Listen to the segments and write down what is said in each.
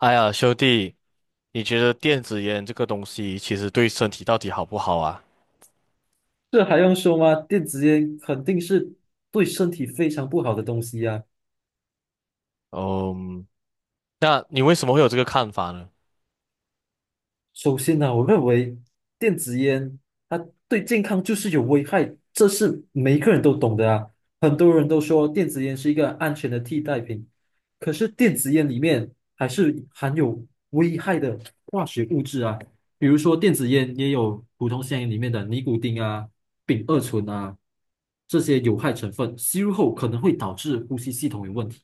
哎呀，兄弟，你觉得电子烟这个东西其实对身体到底好不好啊？这还用说吗？电子烟肯定是对身体非常不好的东西呀。嗯，那你为什么会有这个看法呢？首先呢，我认为电子烟它对健康就是有危害，这是每一个人都懂的啊。很多人都说电子烟是一个安全的替代品，可是电子烟里面还是含有危害的化学物质啊，比如说电子烟也有普通香烟里面的尼古丁啊、丙二醇啊，这些有害成分，吸入后可能会导致呼吸系统有问题，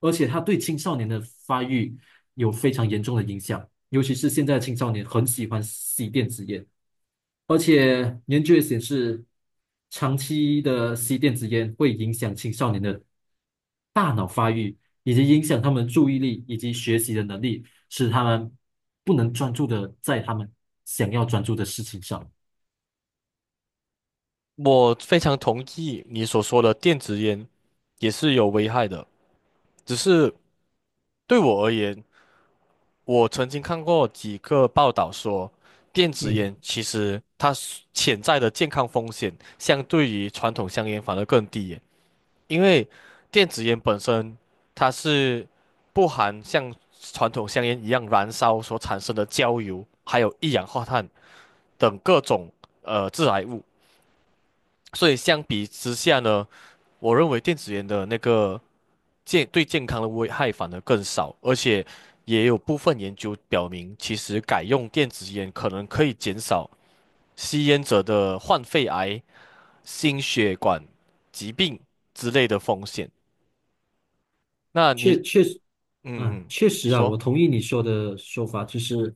而且它对青少年的发育有非常严重的影响。尤其是现在的青少年很喜欢吸电子烟，而且研究也显示，长期的吸电子烟会影响青少年的大脑发育，以及影响他们注意力以及学习的能力，使他们不能专注的在他们想要专注的事情上。我非常同意你所说的，电子烟也是有危害的，只是对我而言，我曾经看过几个报道说，电子嗯。烟其实它是潜在的健康风险相对于传统香烟反而更低耶。因为电子烟本身它是不含像传统香烟一样燃烧所产生的焦油，还有一氧化碳等各种致癌物，所以相比之下呢，我认为电子烟的那个健对健康的危害反而更少，而且也有部分研究表明，其实改用电子烟可能可以减少吸烟者的患肺癌、心血管疾病之类的风险。那你确确实，嗯嗯，确你实啊，我说同意你说的说法，就是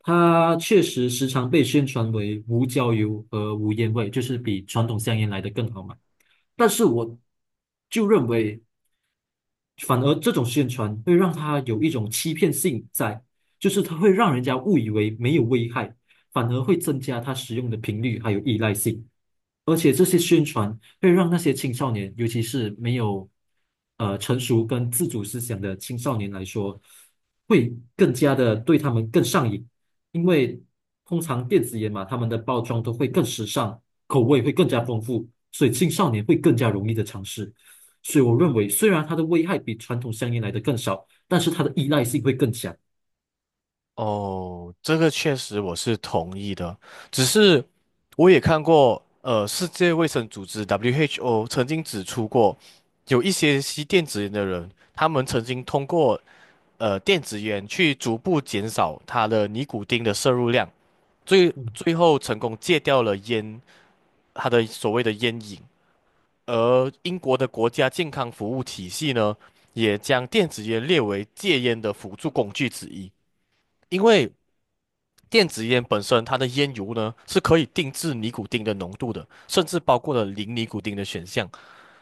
它确实时常被宣传为无焦油和无烟味，就是比传统香烟来的更好嘛。但是我就认为反而这种宣传会让他有一种欺骗性在，就是它会让人家误以为没有危害，反而会增加他使用的频率还有依赖性。而且这些宣传会让那些青少年，尤其是没有成熟跟自主思想的青少年来说，会更加的对他们更上瘾，因为通常电子烟嘛，他们的包装都会更时尚，口味会更加丰富，所以青少年会更加容易的尝试。所以我认为，虽然它的危害比传统香烟来的更少，但是它的依赖性会更强。哦，这个确实我是同意的，只是我也看过，世界卫生组织 WHO 曾经指出过，有一些吸电子烟的人，他们曾经通过电子烟去逐步减少他的尼古丁的摄入量，最嗯，最后成功戒掉了烟，他的所谓的烟瘾。而英国的国家健康服务体系呢，也将电子烟列为戒烟的辅助工具之一。因为电子烟本身它的烟油呢是可以定制尼古丁的浓度的，甚至包括了零尼古丁的选项。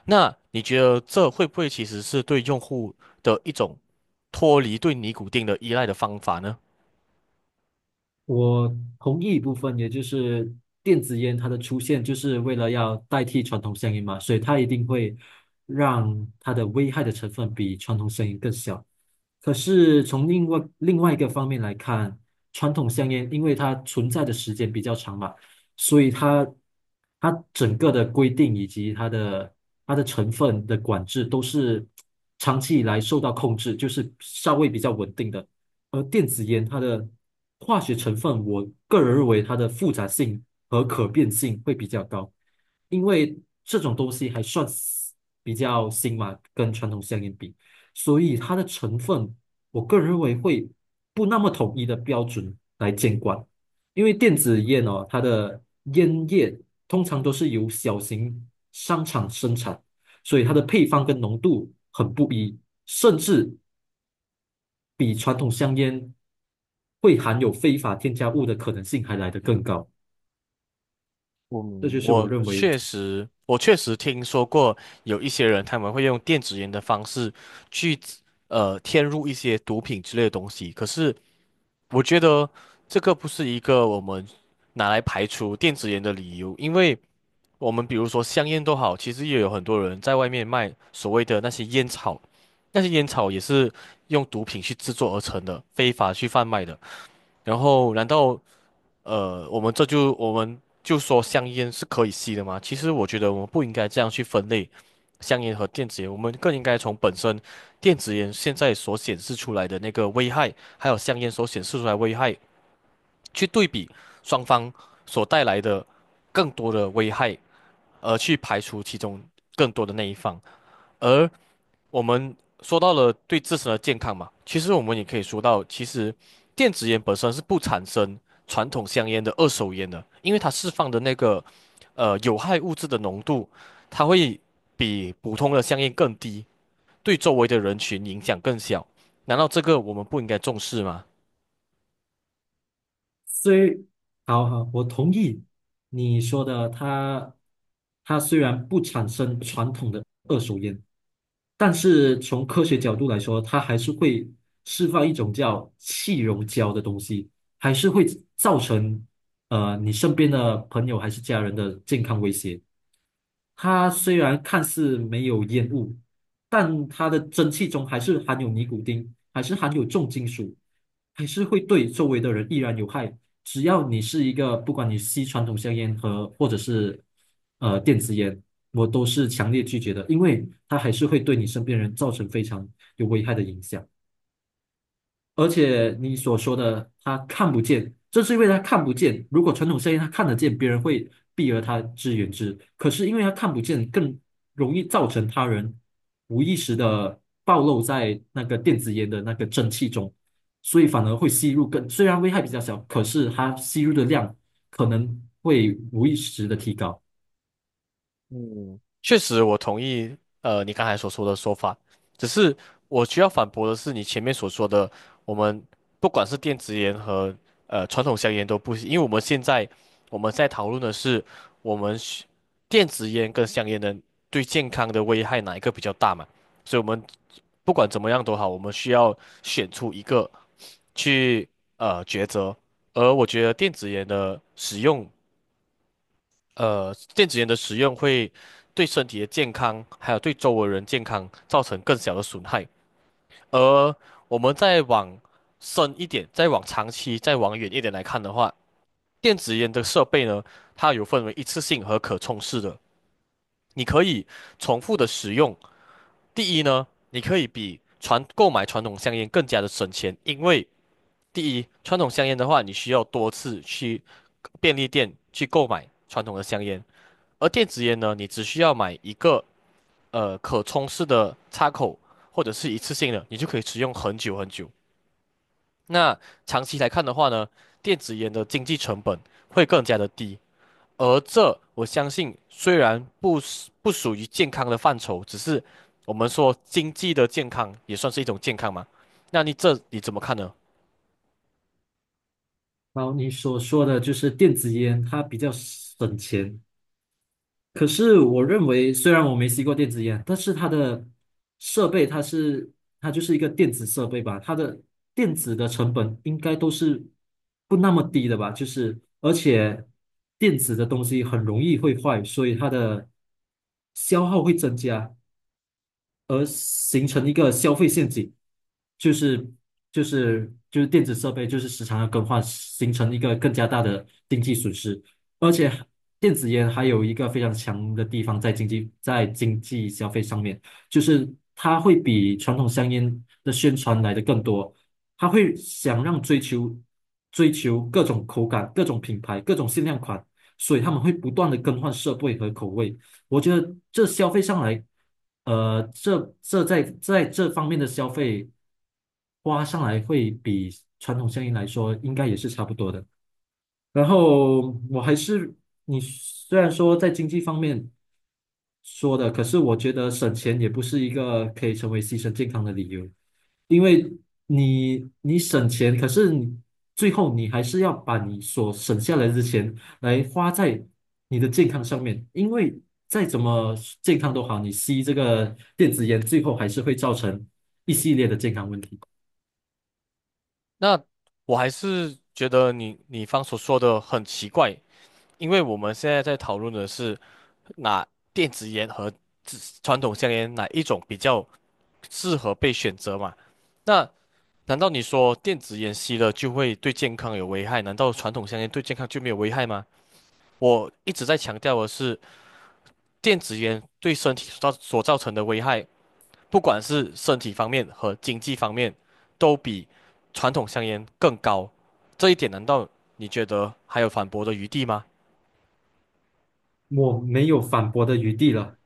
那你觉得这会不会其实是对用户的一种脱离对尼古丁的依赖的方法呢？我同意一部分，也就是电子烟它的出现就是为了要代替传统香烟嘛，所以它一定会让它的危害的成分比传统香烟更小。可是从另外一个方面来看，传统香烟因为它存在的时间比较长嘛。所以它整个的规定以及它的成分的管制都是长期以来受到控制，就是稍微比较稳定的。而电子烟它的化学成分，我个人认为它的复杂性和可变性会比较高，因为这种东西还算是比较新嘛，跟传统香烟比，所以它的成分，我个人认为会不那么统一的标准来监管。因为电子烟哦，它的烟叶通常都是由小型商场生产，所以它的配方跟浓度很不一，甚至比传统香烟会含有非法添加物的可能性还来得更高。这就嗯，是我我认为。确实，我确实听说过有一些人他们会用电子烟的方式去添入一些毒品之类的东西，可是我觉得这个不是一个我们拿来排除电子烟的理由，因为我们比如说香烟都好，其实也有很多人在外面卖所谓的那些烟草，那些烟草也是用毒品去制作而成的，非法去贩卖的。然后，难道我们这就我们就说香烟是可以吸的吗？其实我觉得我们不应该这样去分类香烟和电子烟，我们更应该从本身电子烟现在所显示出来的那个危害，还有香烟所显示出来的危害去对比双方所带来的更多的危害。而去排除其中更多的那一方。而我们说到了对自身的健康嘛，其实我们也可以说到，其实电子烟本身是不产生传统香烟的二手烟的，因为它释放的那个有害物质的浓度，它会比普通的香烟更低，对周围的人群影响更小。难道这个我们不应该重视吗？虽好好，我同意你说的，它虽然不产生传统的二手烟，但是从科学角度来说，它还是会释放一种叫气溶胶的东西，还是会造成你身边的朋友还是家人的健康威胁。它虽然看似没有烟雾，但它的蒸汽中还是含有尼古丁，还是含有重金属，还是会对周围的人依然有害。只要你是一个，不管你吸传统香烟和或者是电子烟，我都是强烈拒绝的，因为它还是会对你身边人造成非常有危害的影响。而且你所说的他看不见，正是因为他看不见。如果传统生意他看得见，别人会避而他之远之。可是因为他看不见，更容易造成他人无意识的暴露在那个电子烟的那个蒸汽中，所以反而会吸入更，虽然危害比较小，可是它吸入的量可能会无意识的提高。嗯，确实，我同意，你刚才所说的说法，只是我需要反驳的是你前面所说的，我们不管是电子烟和传统香烟都不行，因为我们现在我们在讨论的是我们需电子烟跟香烟的对健康的危害哪一个比较大嘛，所以我们不管怎么样都好，我们需要选出一个去抉择，而我觉得电子烟的使用。电子烟的使用会对身体的健康，还有对周围人健康造成更小的损害。而我们再往深一点，再往长期、再往远一点来看的话，电子烟的设备呢，它有分为一次性和可充式的，你可以重复的使用。第一呢，你可以比传购买传统香烟更加的省钱，因为第一，传统香烟的话，你需要多次去便利店去购买传统的香烟。而电子烟呢，你只需要买一个可充式的插口，或者是一次性的，你就可以使用很久很久。那长期来看的话呢，电子烟的经济成本会更加的低。而这我相信，虽然不是不属于健康的范畴，只是我们说经济的健康也算是一种健康嘛。那你这你怎么看呢？然后你所说的就是电子烟，它比较省钱，可是我认为，虽然我没吸过电子烟，但是它的设备，它是它就是一个电子设备吧，它的电子的成本应该都是不那么低的吧？就是而且电子的东西很容易会坏，所以它的消耗会增加。形成一个消费陷阱，就是就是电子设备就是时常要更换，形成一个更加大的经济损失。而且电子烟还有一个非常强的地方在经济消费上面，就是它会比传统香烟的宣传来的更多，它会想让追求各种口感、各种品牌、各种限量款，所以他们会不断的更换设备和口味。我觉得这消费上来，这这在在这方面的消费花上来会比传统香烟来说应该也是差不多的。然后我还是你虽然说在经济方面说的，可是我觉得省钱也不是一个可以成为牺牲健康的理由。因为你省钱，可是你最后你还是要把你所省下来的钱来花在你的健康上面，因为再怎么健康都好，你吸这个电子烟，最后还是会造成一系列的健康问题。那我还是觉得你你方所说的很奇怪，因为我们现在在讨论的是。那电子烟和自传统香烟哪一种比较适合被选择嘛？那难道你说电子烟吸了就会对健康有危害？难道传统香烟对健康就没有危害吗？我一直在强调的是，电子烟对身体所造成的危害，不管是身体方面和经济方面，都比传统香烟更高。这一点难道你觉得还有反驳的余地吗？我没有反驳的余地了。